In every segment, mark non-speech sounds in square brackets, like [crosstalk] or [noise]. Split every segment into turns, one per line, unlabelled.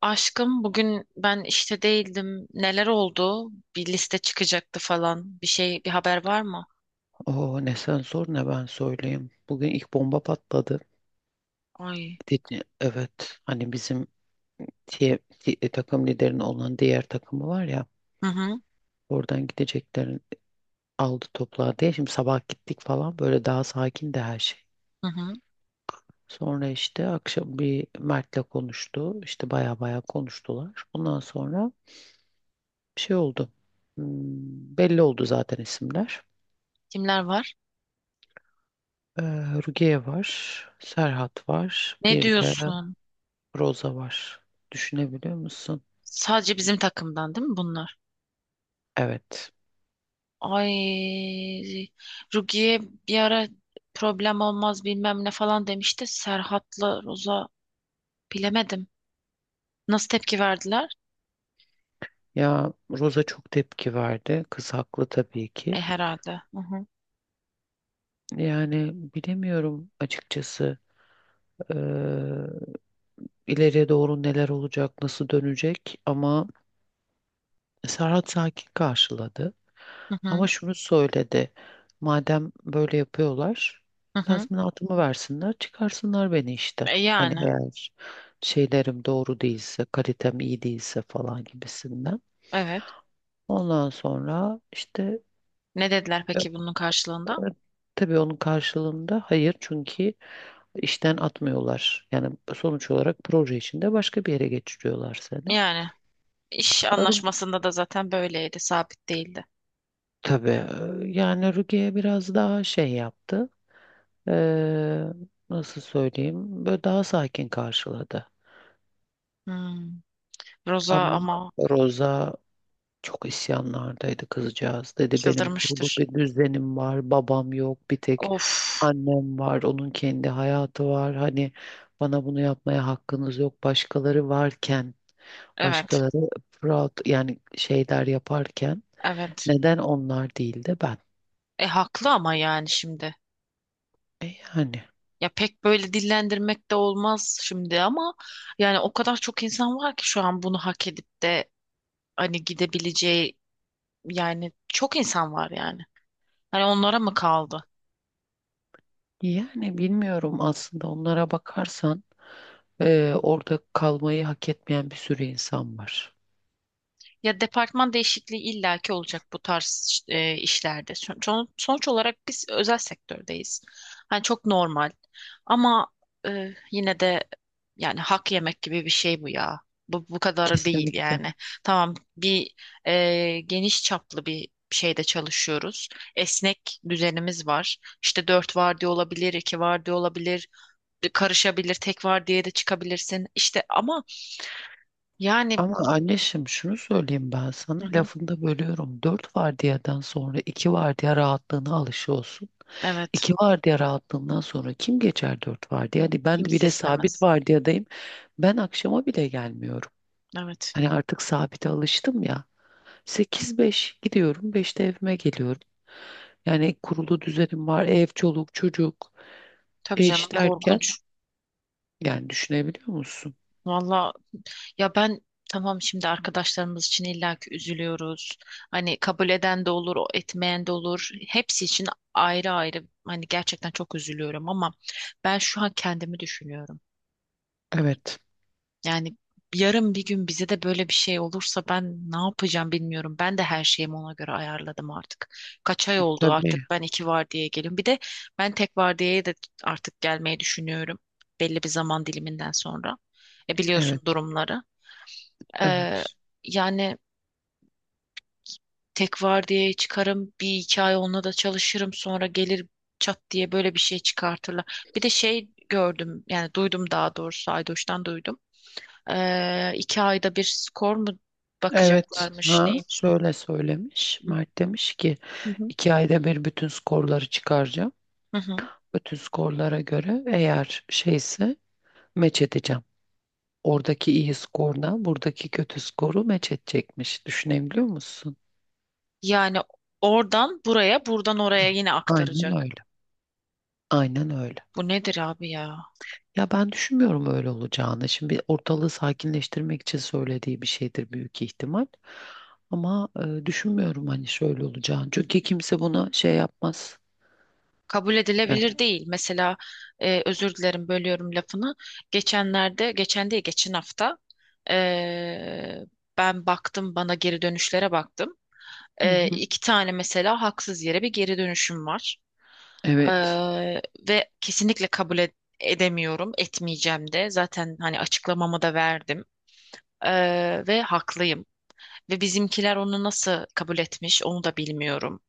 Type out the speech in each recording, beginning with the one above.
Aşkım bugün ben işte değildim. Neler oldu? Bir liste çıkacaktı falan. Bir şey, bir haber var mı?
Oo ne sen sor ne ben söyleyeyim. Bugün ilk bomba patladı.
Ay.
Evet hani bizim diye- takım liderinin olan diğer takımı var ya
Hı hı.
oradan gideceklerin aldı topladı diye. Şimdi sabah gittik falan böyle daha sakin de her şey.
Hı hı.
Sonra işte akşam bir Mert'le konuştu. İşte baya baya konuştular. Ondan sonra bir şey oldu. Hmm, belli oldu zaten isimler.
Kimler var?
Ee, Rukiye var, Serhat var,
Ne
bir de
diyorsun?
Roza var. Düşünebiliyor musun?
Sadece bizim takımdan değil mi bunlar?
Evet.
Ay. Rukiye bir ara problem olmaz bilmem ne falan demişti. Serhat'la Roza bilemedim. Nasıl tepki verdiler?
Ya Rosa çok tepki verdi. Kız haklı tabii ki.
E herhalde. Hı hı.
Yani bilemiyorum açıkçası eee, ileriye doğru neler olacak, nasıl dönecek ama Serhat sakin karşıladı.
Hı hı.
Ama şunu söyledi. Madem böyle yapıyorlar,
Hı hı.
tazminatımı versinler, çıkarsınlar beni işten.
E,
Hani
yani.
eğer şeylerim doğru değilse, kalitem iyi değilse falan gibisinden.
Evet.
Ondan sonra işte
Ne dediler peki bunun karşılığında?
tabii onun karşılığında hayır çünkü işten atmıyorlar. Yani sonuç olarak proje içinde başka bir yere geçiriyorlar seni.
Yani. İş
Ru-
anlaşmasında da zaten böyleydi, sabit değildi.
Tabii yani Rukiye biraz daha şey yaptı. Ee, nasıl söyleyeyim? Böyle daha sakin karşıladı.
Hmm. Roza
Ama
ama
Roza çok isyanlardaydı kızcağız. Dedi benim kurulu
çıldırmıştır.
bir düzenim var, babam yok, bir tek
Of,
annem var, onun kendi hayatı var. Hani bana bunu yapmaya hakkınız yok. Başkaları varken,
evet,
başkaları proud yani şeyler yaparken
evet.
neden onlar değil de ben?
E haklı ama yani şimdi.
E yani
Ya pek böyle dillendirmek de olmaz şimdi ama yani o kadar çok insan var ki şu an bunu hak edip de hani gidebileceği yani çok insan var yani. Hani onlara mı kaldı?
yani bilmiyorum aslında onlara bakarsan orada kalmayı hak etmeyen bir sürü insan var.
Ya departman değişikliği illaki olacak bu tarz işte, işlerde. Sonuç olarak biz özel sektördeyiz. Hani çok normal. Ama yine de yani hak yemek gibi bir şey bu ya. Bu kadarı değil
Kesinlikle.
yani. Tamam bir geniş çaplı bir şeyde çalışıyoruz. Esnek düzenimiz var. İşte dört vardiya olabilir, iki vardiya olabilir, karışabilir, tek vardiyaya da çıkabilirsin. İşte ama yani
Ama anneşim şunu söyleyeyim ben sana
hı hı,
lafını da bölüyorum. Dört vardiyadan sonra iki vardiya rahatlığına alışı olsun.
evet,
İki vardiya rahatlığından sonra kim geçer dört vardiya? Hani ben
kimse
bile sabit
istemez.
vardiyadayım. Ben akşama bile gelmiyorum.
Evet.
Hani artık sabite alıştım ya. Sekiz beş gidiyorum. Beşte evime geliyorum. Yani kurulu düzenim var. Ev, çoluk, çocuk,
Tabii canım,
eş derken.
korkunç.
Yani düşünebiliyor musun?
Valla ya ben tamam, şimdi arkadaşlarımız için illaki üzülüyoruz. Hani kabul eden de olur, o etmeyen de olur. Hepsi için ayrı ayrı hani gerçekten çok üzülüyorum ama ben şu an kendimi düşünüyorum.
Evet.
Yani yarın bir gün bize de böyle bir şey olursa ben ne yapacağım bilmiyorum. Ben de her şeyimi ona göre ayarladım artık. Kaç ay oldu artık
Tabii.
ben iki vardiyaya geliyorum. Bir de ben tek vardiyaya da artık gelmeyi düşünüyorum. Belli bir zaman diliminden sonra. E biliyorsun
Evet.
durumları. Ee,
Evet.
yani tek vardiyaya çıkarım. Bir iki ay onunla da çalışırım. Sonra gelir çat diye böyle bir şey çıkartırlar. Bir de şey gördüm, yani duydum daha doğrusu, Aydoş'tan duydum. İki ayda bir skor mu
Evet,
bakacaklarmış,
ha
neymiş?
şöyle söylemiş. Mert demiş ki
Hı hı.
iki ayda bir bütün skorları çıkaracağım.
Hı hı.
Bütün skorlara göre eğer şeyse meç edeceğim. Oradaki iyi skordan buradaki kötü skoru meç edecekmiş. Düşünebiliyor musun?
Yani oradan buraya, buradan oraya yine
Aynen
aktaracak.
öyle. Aynen öyle.
Bu nedir abi ya?
Ya ben düşünmüyorum öyle olacağını. Şimdi ortalığı sakinleştirmek için söylediği bir şeydir büyük ihtimal. Ama düşünmüyorum hani şöyle olacağını. Çünkü kimse buna şey yapmaz.
Kabul
Ya,
edilebilir değil. Mesela özür dilerim, bölüyorum lafını. Geçenlerde, geçen değil, geçen hafta e, ben baktım, bana geri dönüşlere baktım.
hı
E,
hı.
iki tane mesela haksız yere bir geri dönüşüm var.
Evet.
Eee, ve kesinlikle edemiyorum, etmeyeceğim de. Zaten hani açıklamamı da verdim. Ve haklıyım. Ve bizimkiler onu nasıl kabul etmiş onu da bilmiyorum.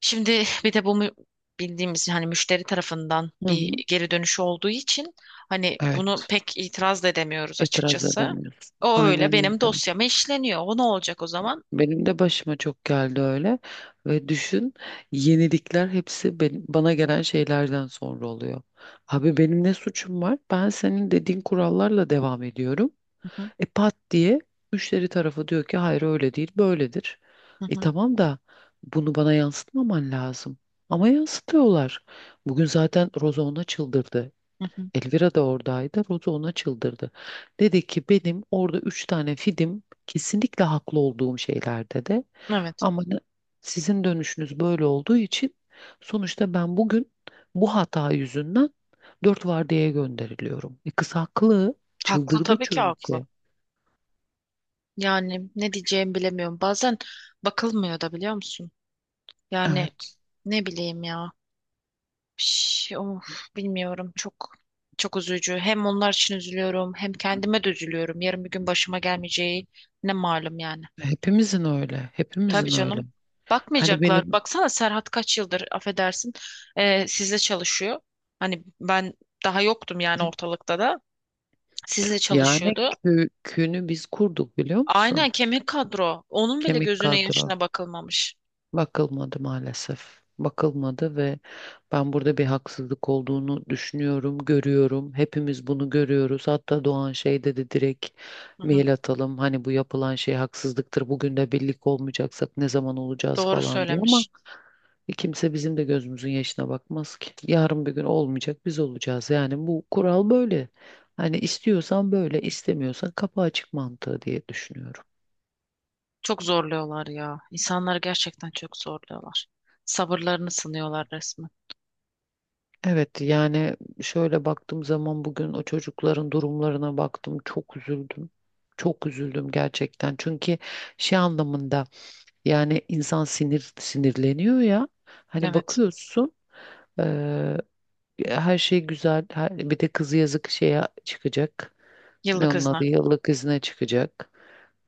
Şimdi [laughs] bir de bildiğimiz hani müşteri tarafından
Hı
bir
hı.
geri dönüşü olduğu için hani bunu
Evet,
pek itiraz da edemiyoruz
itiraz
açıkçası.
edemiyorsun.
O öyle
Aynen
benim
öyle.
dosyama işleniyor. O ne olacak o zaman?
Benim de başıma çok geldi öyle. Ve düşün, yenilikler hepsi bana gelen şeylerden sonra oluyor. Abi benim ne suçum var? Ben senin dediğin kurallarla devam ediyorum.
Hı hı,
E pat diye müşteri tarafı diyor ki hayır öyle değil, böyledir.
hı
E
hı,
tamam da bunu bana yansıtmaman lazım. Ama yansıtıyorlar. Bugün zaten Roza ona çıldırdı.
hı hı.
Elvira da oradaydı. Roza ona çıldırdı. Dedi ki benim orada üç tane fidim kesinlikle haklı olduğum şeylerde de
Evet.
ama sizin dönüşünüz böyle olduğu için sonuçta ben bugün bu hata yüzünden dört vardiyaya gönderiliyorum. E kız haklı.
Haklı,
Çıldırdı
tabii ki haklı.
çünkü.
Yani ne diyeceğimi bilemiyorum. Bazen bakılmıyor da, biliyor musun? Yani
Evet.
ne bileyim ya. Şş, of, bilmiyorum. Çok üzücü. Hem onlar için üzülüyorum, hem kendime de üzülüyorum. Yarın bir gün başıma gelmeyeceği ne malum yani.
Hepimizin öyle.
Tabii
Hepimizin öyle.
canım.
Hani
Bakmayacaklar.
benim
Baksana Serhat kaç yıldır, affedersin, sizle çalışıyor. Hani ben daha yoktum yani ortalıkta da. Sizle
yani
çalışıyordu.
köyünü biz kurduk biliyor
Aynen,
musun?
kemik kadro. Onun bile
Kemik
gözüne
kadro.
yaşına bakılmamış.
Bakılmadı maalesef. Bakılmadı ve ben burada bir haksızlık olduğunu düşünüyorum, görüyorum. Hepimiz bunu görüyoruz. Hatta Doğan şey dedi direkt
Hı hı.
mail atalım. Hani bu yapılan şey haksızlıktır. Bugün de birlik olmayacaksak ne zaman olacağız
Doğru
falan diye ama
söylemiş.
kimse bizim de gözümüzün yaşına bakmaz ki. Yarın bir gün olmayacak biz olacağız. Yani bu kural böyle. Hani istiyorsan böyle, istemiyorsan kapı açık mantığı diye düşünüyorum.
Çok zorluyorlar ya. İnsanları gerçekten çok zorluyorlar. Sabırlarını sınıyorlar resmen.
Evet yani şöyle baktığım zaman bugün o çocukların durumlarına baktım çok üzüldüm. Çok üzüldüm gerçekten. Çünkü şey anlamında yani insan sinir sinirleniyor ya. Hani
Evet.
bakıyorsun her şey güzel. Her, bir de kızı yazık şeye çıkacak. Ne
Yıllık
onun
izne.
adı yıllık izne çıkacak.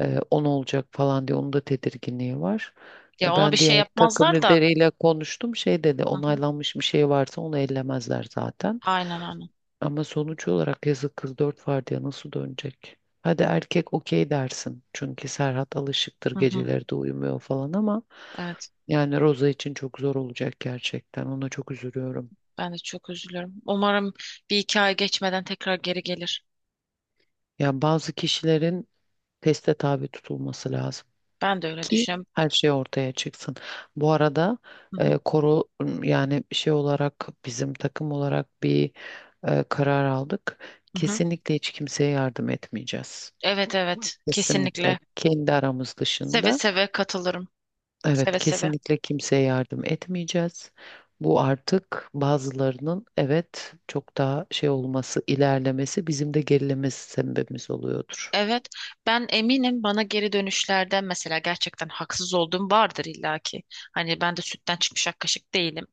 On olacak falan diye onun da tedirginliği var.
Ya ona bir
Ben
şey
diğer takım
yapmazlar da.
lideriyle konuştum. Şey dedi
Hı hı.
onaylanmış bir şey varsa onu ellemezler zaten.
Aynen aynen.
Ama sonuç olarak yazık kız dört var nasıl dönecek? Hadi erkek okey dersin. Çünkü Serhat alışıktır
Hı hı.
geceleri de uyumuyor falan ama
Evet.
yani Roza için çok zor olacak gerçekten. Ona çok üzülüyorum.
Ben de çok üzülüyorum. Umarım bir iki ay geçmeden tekrar geri gelir.
Yani bazı kişilerin teste tabi tutulması lazım
Ben de öyle
ki
düşünüyorum.
her şey ortaya çıksın. Bu arada
Hı hı.
koro yani şey olarak bizim takım olarak bir karar aldık.
Hı hı.
Kesinlikle hiç kimseye yardım etmeyeceğiz.
Evet, evet.
Kesinlikle
Kesinlikle.
kendi aramız
Seve
dışında.
seve katılırım.
Evet,
Seve seve.
kesinlikle kimseye yardım etmeyeceğiz. Bu artık bazılarının evet çok daha şey olması, ilerlemesi bizim de gerilemesi sebebimiz oluyordur.
Evet, ben eminim bana geri dönüşlerden mesela gerçekten haksız olduğum vardır illaki. Hani ben de sütten çıkmış ak kaşık değilim.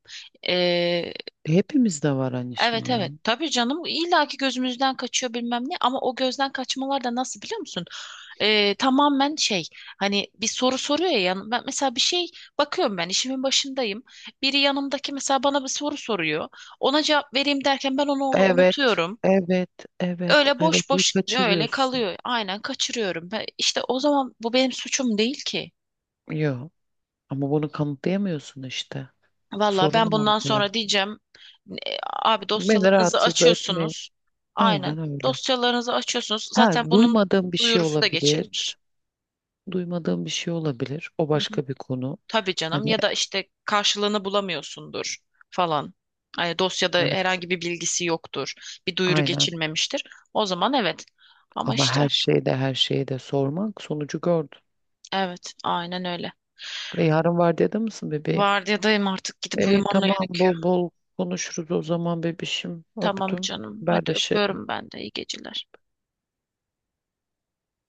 Ee,
Hepimizde var annişim
evet,
ya.
evet, tabii canım, illaki gözümüzden kaçıyor bilmem ne, ama o gözden kaçmalar da nasıl, biliyor musun? Tamamen şey, hani bir soru soruyor ya, ben mesela bir şey bakıyorum, ben işimin başındayım. Biri yanımdaki mesela bana bir soru soruyor. Ona cevap vereyim derken ben onu orada
Evet,
unutuyorum.
evet, evet,
Öyle
evet.
boş
Bunu
boş gitmiyor, öyle
kaçırıyorsun.
kalıyor. Aynen, kaçırıyorum. Ben, işte o zaman bu benim suçum değil ki.
Yok. Ama bunu kanıtlayamıyorsun işte.
Valla
Sorun
ben bundan
orada.
sonra diyeceğim abi
Beni
dosyalarınızı
rahatsız etme.
açıyorsunuz. Aynen,
Aynen öyle.
dosyalarınızı açıyorsunuz.
Ha,
Zaten bunun
duymadığım bir şey
duyurusu da
olabilir.
geçilmiş.
Duymadığım bir şey olabilir. O
Hı hı.
başka bir konu.
Tabii canım,
Hani
ya da işte karşılığını bulamıyorsundur falan. Hani dosyada
evet,
herhangi bir bilgisi yoktur. Bir duyuru
aynen.
geçilmemiştir. O zaman evet. Ama
Ama
işte
her şeyde her şeyi de sormak sonucu gördüm.
evet, aynen öyle.
E, yarın var dedi misin bebeğim?
Vardiyadayım, artık gidip
E,
uyumam
tamam
gerekiyor.
bol bol konuşuruz o zaman bebişim.
Tamam
Öptüm.
canım. Hadi
Haberleşelim.
öpüyorum ben de. İyi geceler.